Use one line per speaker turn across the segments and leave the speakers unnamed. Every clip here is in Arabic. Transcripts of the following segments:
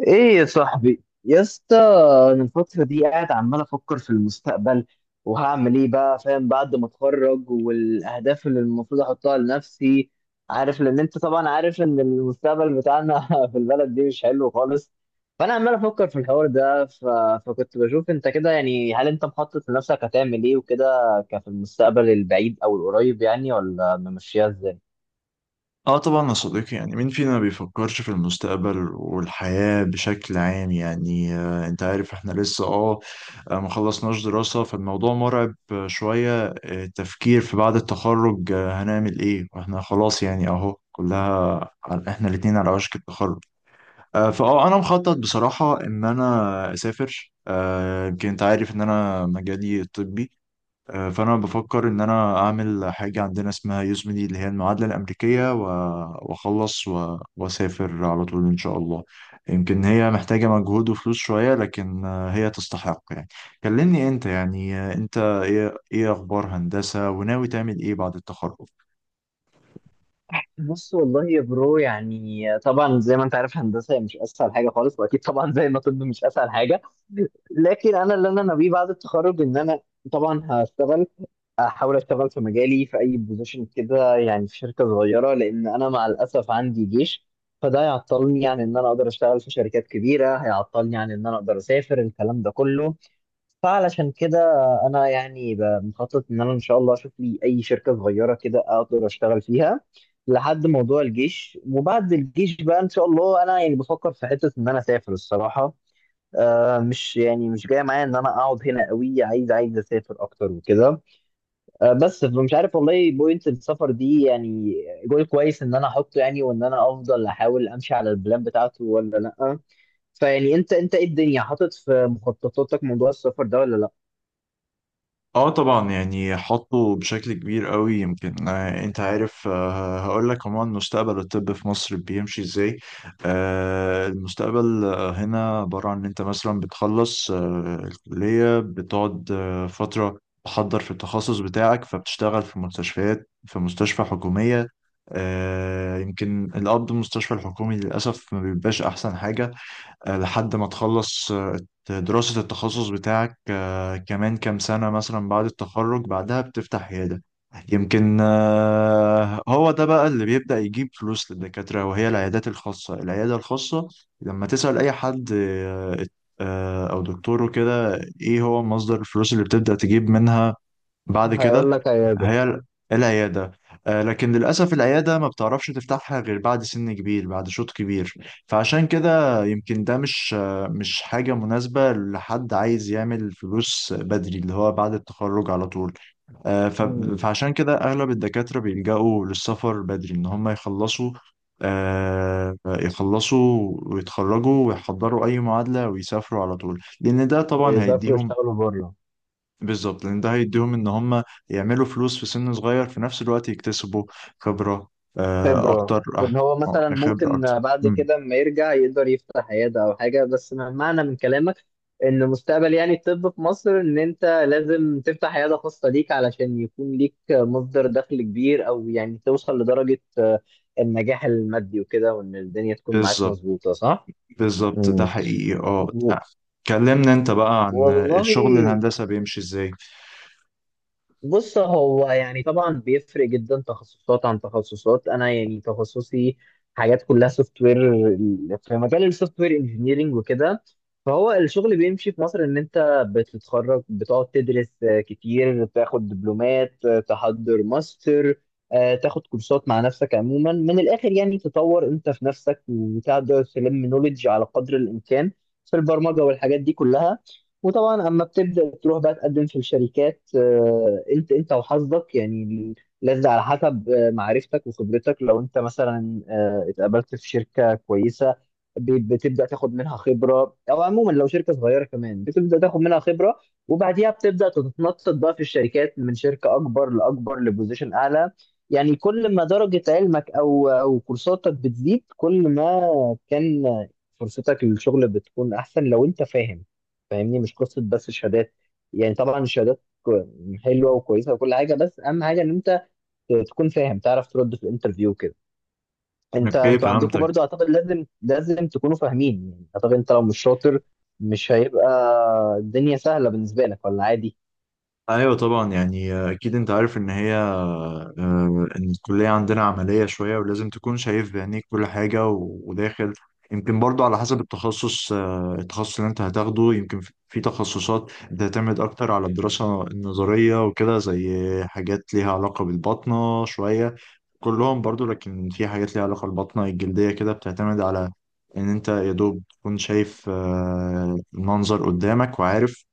ايه يا صاحبي يا اسطى. انا الفتره دي قاعد عمال افكر في المستقبل، وهعمل ايه بقى فاهم بعد ما اتخرج والاهداف اللي المفروض احطها لنفسي، عارف. لان انت طبعا عارف ان المستقبل بتاعنا في البلد دي مش حلو خالص. فانا عمال افكر في الحوار ده فكنت بشوف انت كده، يعني هل انت مخطط لنفسك هتعمل ايه وكده؟ كفي المستقبل البعيد او القريب يعني، ولا ممشيها ازاي؟
اه طبعا يا صديقي، يعني مين فينا ما بيفكرش في المستقبل والحياة بشكل عام؟ يعني انت عارف احنا لسه ما خلصناش دراسة، فالموضوع مرعب، شوية التفكير في بعد التخرج، هنعمل ايه واحنا خلاص. يعني اهو كلها احنا الاتنين على وشك التخرج. آه فاه انا مخطط بصراحة ان انا اسافر. يمكن انت عارف ان انا مجالي الطبي. فانا بفكر ان انا اعمل حاجه عندنا اسمها يوزمني، اللي هي المعادله الامريكيه، واخلص واسافر على طول ان شاء الله. يمكن هي محتاجه مجهود وفلوس شويه، لكن هي تستحق يعني. كلمني انت، يعني انت ايه اخبار هندسه، وناوي تعمل ايه بعد التخرج؟
بص والله يا برو، يعني طبعا زي ما انت عارف هندسه هي مش اسهل حاجه خالص، واكيد طبعا زي ما طب مش اسهل حاجه. لكن انا اللي انا ناويه بعد التخرج ان انا طبعا هشتغل، احاول اشتغل في مجالي في اي بوزيشن كده، يعني في شركه صغيره، لان انا مع الاسف عندي جيش. فده هيعطلني عن ان انا اقدر اشتغل في شركات كبيره، هيعطلني عن ان انا اقدر اسافر الكلام ده كله. فعلشان كده انا يعني مخطط ان انا ان شاء الله اشوف لي اي شركه صغيره كده اقدر اشتغل فيها لحد موضوع الجيش. وبعد الجيش بقى ان شاء الله انا يعني بفكر في حته ان انا اسافر الصراحه. آه مش يعني مش جاي معايا ان انا اقعد هنا قوي، عايز اسافر اكتر وكده. آه بس مش عارف والله بوينت السفر دي يعني جول كويس ان انا احطه يعني، وان انا افضل احاول امشي على البلان بتاعته ولا لا. فيعني انت ايه الدنيا حاطط في مخططاتك موضوع السفر ده ولا لا؟
اه طبعا، يعني حطه بشكل كبير قوي. يمكن انت عارف، هقول لك عموما مستقبل الطب في مصر بيمشي ازاي. المستقبل هنا عبارة عن ان انت مثلا بتخلص الكلية، بتقعد فترة تحضر في التخصص بتاعك، فبتشتغل في مستشفيات، في مستشفى حكومية. يمكن القبض المستشفى الحكومي للأسف ما بيبقاش أحسن حاجة لحد ما تخلص دراسة التخصص بتاعك كمان كام سنة مثلا بعد التخرج. بعدها بتفتح عيادة. يمكن هو ده بقى اللي بيبدأ يجيب فلوس للدكاترة، وهي العيادات الخاصة، العيادة الخاصة لما تسأل أي حد أو دكتور وكده. إيه هو مصدر الفلوس اللي بتبدأ تجيب منها بعد كده؟
هيقول لك عيادة.
هي ال- العيادة. لكن للأسف العيادة ما بتعرفش تفتحها غير بعد سن كبير، بعد شوط كبير. فعشان كده يمكن ده مش مش حاجة مناسبة لحد عايز يعمل فلوس بدري، اللي هو بعد التخرج على طول. آه، ف-
مم.
فعشان كده أغلب الدكاترة بيلجأوا للسفر بدري، إن هم يخلصوا، يخلصوا ويتخرجوا ويحضروا أي معادلة ويسافروا على طول، لأن ده طبعا
ويسافروا
هيديهم.
يشتغلوا بره.
بالظبط، لان ده هيديهم ان هم يعملوا فلوس في سن صغير، في نفس الوقت يكتسبوا خبرة
خبرة،
اكتر.
وإن هو مثلا
خبرة اكتر.
ممكن بعد
مم.
كده لما يرجع يقدر يفتح عيادة أو حاجة. بس معنى من كلامك إن مستقبل يعني الطب في مصر إن أنت لازم تفتح عيادة خاصة ليك علشان يكون ليك مصدر دخل كبير، أو يعني توصل لدرجة آه، النجاح المادي وكده، وإن الدنيا تكون معاك
بالظبط.
مظبوطة، صح؟
بالظبط ده
مم.
حقيقي اه
و-
آه. كلمنا انت بقى عن
والله
الشغل، الهندسة بيمشي ازاي؟
بص، هو يعني طبعا بيفرق جدا تخصصات عن تخصصات. انا يعني تخصصي حاجات كلها سوفت وير، في مجال السوفت وير انجينيرنج وكده. فهو الشغل بيمشي في مصر ان انت بتتخرج، بتقعد تدرس آه، كتير، تاخد دبلومات آه، تحضر ماستر آه، تاخد كورسات مع نفسك. عموما من الاخر يعني تطور انت في نفسك وتقدر تلم نوليدج على قدر الامكان في البرمجة والحاجات دي كلها. وطبعا اما بتبدا تروح بقى تقدم في الشركات آه، انت وحظك يعني، لازم على حسب آه، معرفتك وخبرتك. لو انت مثلا آه، اتقابلت في شركه كويسه بتبدا تاخد منها خبره، او عموما لو شركه صغيره كمان بتبدا تاخد منها خبره، وبعديها بتبدا تتنطط بقى في الشركات من شركه اكبر لاكبر لبوزيشن اعلى. يعني كل ما درجه علمك او كورساتك بتزيد، كل ما كان فرصتك للشغل بتكون احسن، لو انت فاهم فاهمني. مش قصه بس الشهادات، يعني طبعا الشهادات حلوه وكويسه وكل حاجه، بس اهم حاجه ان انت تكون فاهم، تعرف ترد في الانترفيو كده. انت
اوكي،
انتوا عندكم
فهمتك.
برضو اعتقد لازم تكونوا فاهمين، يعني اعتقد انت لو مش شاطر مش هيبقى الدنيا سهله بالنسبه لك، ولا عادي؟
ايوه طبعا، يعني اكيد انت عارف ان هي ان الكليه عندنا عمليه شويه، ولازم تكون شايف بعينيك كل حاجه وداخل. يمكن برضو على حسب التخصص، التخصص اللي انت هتاخده. يمكن في تخصصات بتعتمد اكتر على الدراسه النظريه وكده، زي حاجات ليها علاقه بالباطنه شويه، كلهم برضو. لكن في حاجات ليها علاقه بالباطنه الجلديه كده بتعتمد على ان انت يا دوب تكون شايف المنظر قدامك، وعارف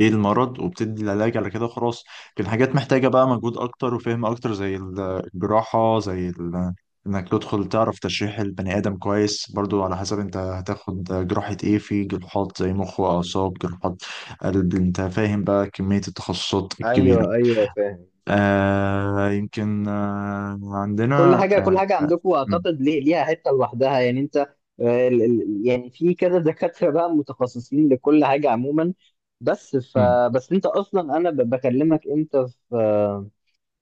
ايه المرض، وبتدي العلاج على كده خلاص. لكن حاجات محتاجة بقى مجهود اكتر وفهم اكتر، زي الجراحة، انك تدخل تعرف تشريح البني ادم كويس. برضو على حسب انت هتاخد جراحة ايه، في جراحات زي مخ واعصاب، جراحات قلب. انت فاهم بقى كمية التخصصات الكبيرة.
ايوه ايوه فاهم.
آه يمكن آه
كل
عندنا
حاجه
آه آه،
عندكم
م-
اعتقد ليه ليها حته لوحدها، يعني انت آه، يعني في كذا دكاتره بقى متخصصين لكل حاجه عموما. بس ف
م.
بس انت اصلا انا بكلمك انت في آه،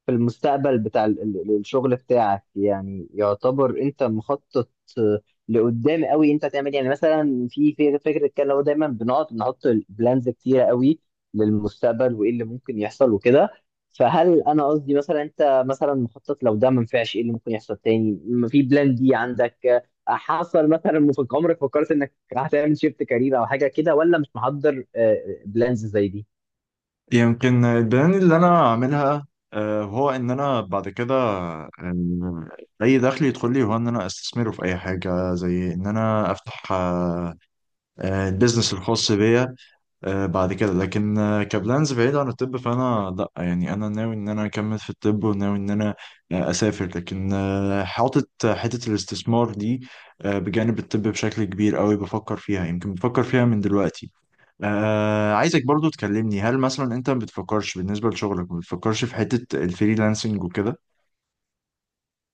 في المستقبل بتاع الشغل بتاعك. يعني يعتبر انت مخطط آه، لقدام قوي، انت هتعمل إيه؟ يعني مثلا في فكره كده اللي هو دايما بنقعد نحط بلانز كتيره قوي للمستقبل وايه اللي ممكن يحصل وكده. فهل انا قصدي مثلا انت مثلا مخطط لو ده ما نفعش ايه اللي ممكن يحصل تاني؟ في بلان دي عندك؟ آه، حصل مثلا في عمرك فكرت انك هتعمل شيفت كارير او حاجه كده، ولا مش محضر بلانز زي دي؟
يمكن البلان اللي انا اعملها هو ان انا بعد كده اي دخل يدخل لي، هو ان انا استثمره في اي حاجه، زي ان انا افتح البيزنس الخاص بيا بعد كده. لكن كبلانز بعيد عن الطب، فانا لا، يعني انا ناوي ان انا اكمل في الطب، وناوي ان انا اسافر. لكن حاطط حته الاستثمار دي بجانب الطب بشكل كبير قوي. بفكر فيها، يمكن بفكر فيها من دلوقتي. عايزك برضو تكلمني، هل مثلا انت ما بتفكرش بالنسبه لشغلك، ما بتفكرش في حته الفريلانسنج وكده؟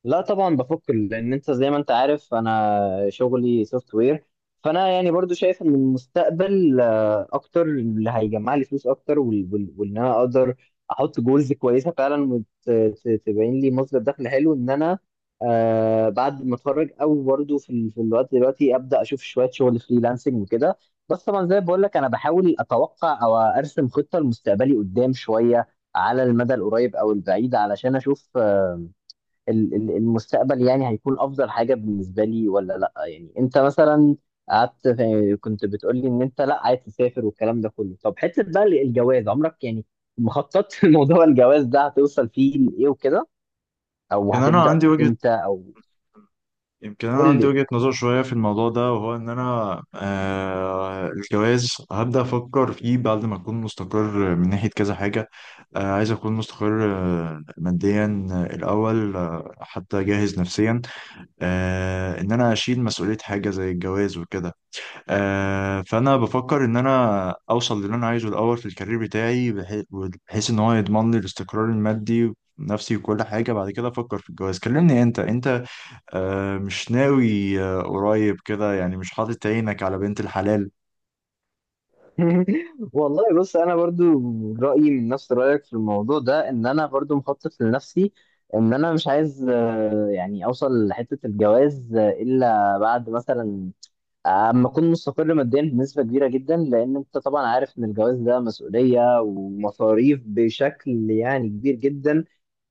لا طبعا بفك، لان انت زي ما انت عارف انا شغلي سوفت وير. فانا يعني برضو شايف ان المستقبل آه، اكتر اللي هيجمع لي فلوس اكتر، وان انا اقدر احط جولز كويسه فعلا وتبين لي مصدر دخل حلو، ان انا آه، بعد ما اتخرج او برضو في في الوقت دلوقتي ابدا اشوف شويه شغل فريلانسنج وكده. بس طبعا زي ما بقول لك انا بحاول اتوقع او ارسم خطه لمستقبلي قدام شويه، على المدى القريب او البعيد، علشان اشوف المستقبل يعني هيكون افضل حاجه بالنسبه لي ولا لا. يعني انت مثلا قعدت كنت بتقول لي ان انت لا عايز تسافر والكلام ده كله. طب حته بقى الجواز عمرك يعني مخطط في موضوع الجواز ده هتوصل فيه لايه وكده، او
كان انا
هتبدا
عندي وجهه
امتى او
يمكن انا
قول
عندي
لي.
وجهة نظر شوية في الموضوع ده، وهو ان انا الجواز هبدأ افكر فيه بعد ما اكون مستقر من ناحية كذا حاجة. عايز اكون مستقر ماديا الاول، حتى جاهز نفسيا ان انا اشيل مسؤولية حاجة زي الجواز وكده. فانا بفكر ان انا اوصل للي انا عايزه الاول في الكارير بتاعي، بحيث ان هو يضمن لي الاستقرار المادي، نفسي وكل حاجة. بعد كده أفكر في الجواز. كلمني أنت، مش ناوي قريب كده يعني، مش حاطط عينك على بنت الحلال؟
والله بص انا برضو رايي من نفس رايك في الموضوع ده، ان انا برضو مخطط لنفسي ان انا مش عايز آه، يعني اوصل لحته الجواز آه، الا بعد مثلا اما اكون مستقر ماديا بنسبه كبيره جدا. لان انت طبعا عارف ان الجواز ده مسؤوليه ومصاريف بشكل يعني كبير جدا.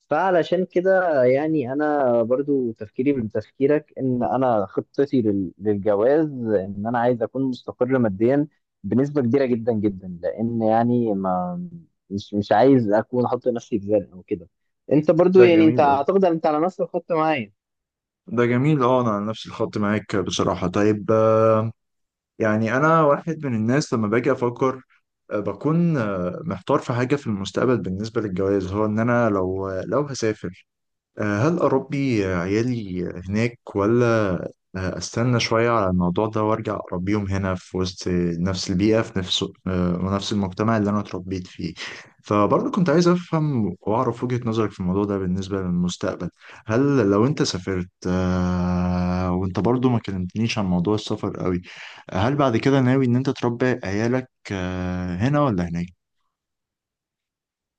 فعلشان كده يعني انا برضو تفكيري من تفكيرك ان انا خطتي للجواز ان انا عايز اكون مستقر ماديا بنسبه كبيره جدا جدا، لان يعني ما مش عايز اكون احط نفسي في زنقه او كده. انت برضو
ده
يعني انت
جميل أوي.
اعتقد ان انت على نفس الخط معايا.
ده جميل. اه انا على نفس الخط معاك بصراحة. طيب يعني انا واحد من الناس لما باجي افكر بكون محتار في حاجة في المستقبل بالنسبة للجواز، هو ان انا، لو هسافر، هل أربي عيالي هناك، ولا أستنى شوية على الموضوع ده وأرجع أربيهم هنا في وسط نفس البيئة، في نفس ونفس المجتمع اللي أنا اتربيت فيه؟ فبرضه كنت عايز أفهم وأعرف وجهة نظرك في الموضوع ده بالنسبة للمستقبل. هل لو أنت سافرت، وأنت برضه ما كلمتنيش عن موضوع السفر قوي، هل بعد كده ناوي إن أنت تربي عيالك هنا ولا هناك؟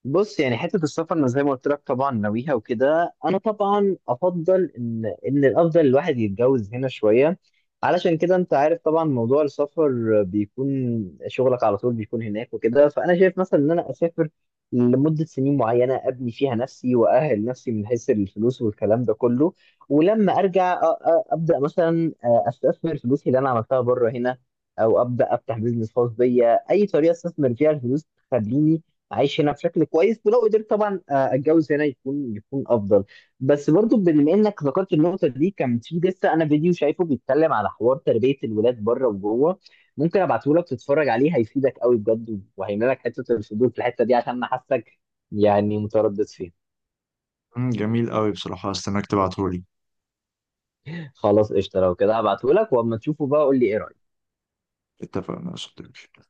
بص يعني حتة السفر أنا زي ما قلت لك طبعا ناويها وكده. أنا طبعا أفضل إن الأفضل الواحد يتجوز هنا شوية، علشان كده أنت عارف طبعا موضوع السفر بيكون شغلك على طول بيكون هناك وكده. فأنا شايف مثلا إن أنا أسافر لمدة سنين معينة أبني فيها نفسي وأأهل نفسي من حيث الفلوس والكلام ده كله، ولما أرجع أبدأ مثلا أستثمر فلوسي اللي أنا عملتها بره هنا، أو أبدأ أفتح بيزنس خاص بيا، أي طريقة أستثمر فيها الفلوس تخليني عايش هنا بشكل كويس. ولو قدرت طبعا آه، اتجوز هنا يكون افضل. بس برضو بما انك ذكرت النقطه دي، كان في لسه انا فيديو شايفه بيتكلم على حوار تربيه الولاد بره وجوه. ممكن ابعته لك تتفرج عليه، هيفيدك قوي بجد، وهيملى لك حته الفضول في الحته دي، عشان انا حاسك يعني متردد فيها.
مم، جميل قوي بصراحة. استناك تبعتهولي.
خلاص قشطه، لو كده هبعته لك، واما تشوفه بقى قول لي ايه رايك.
اتفقنا يا صديقي.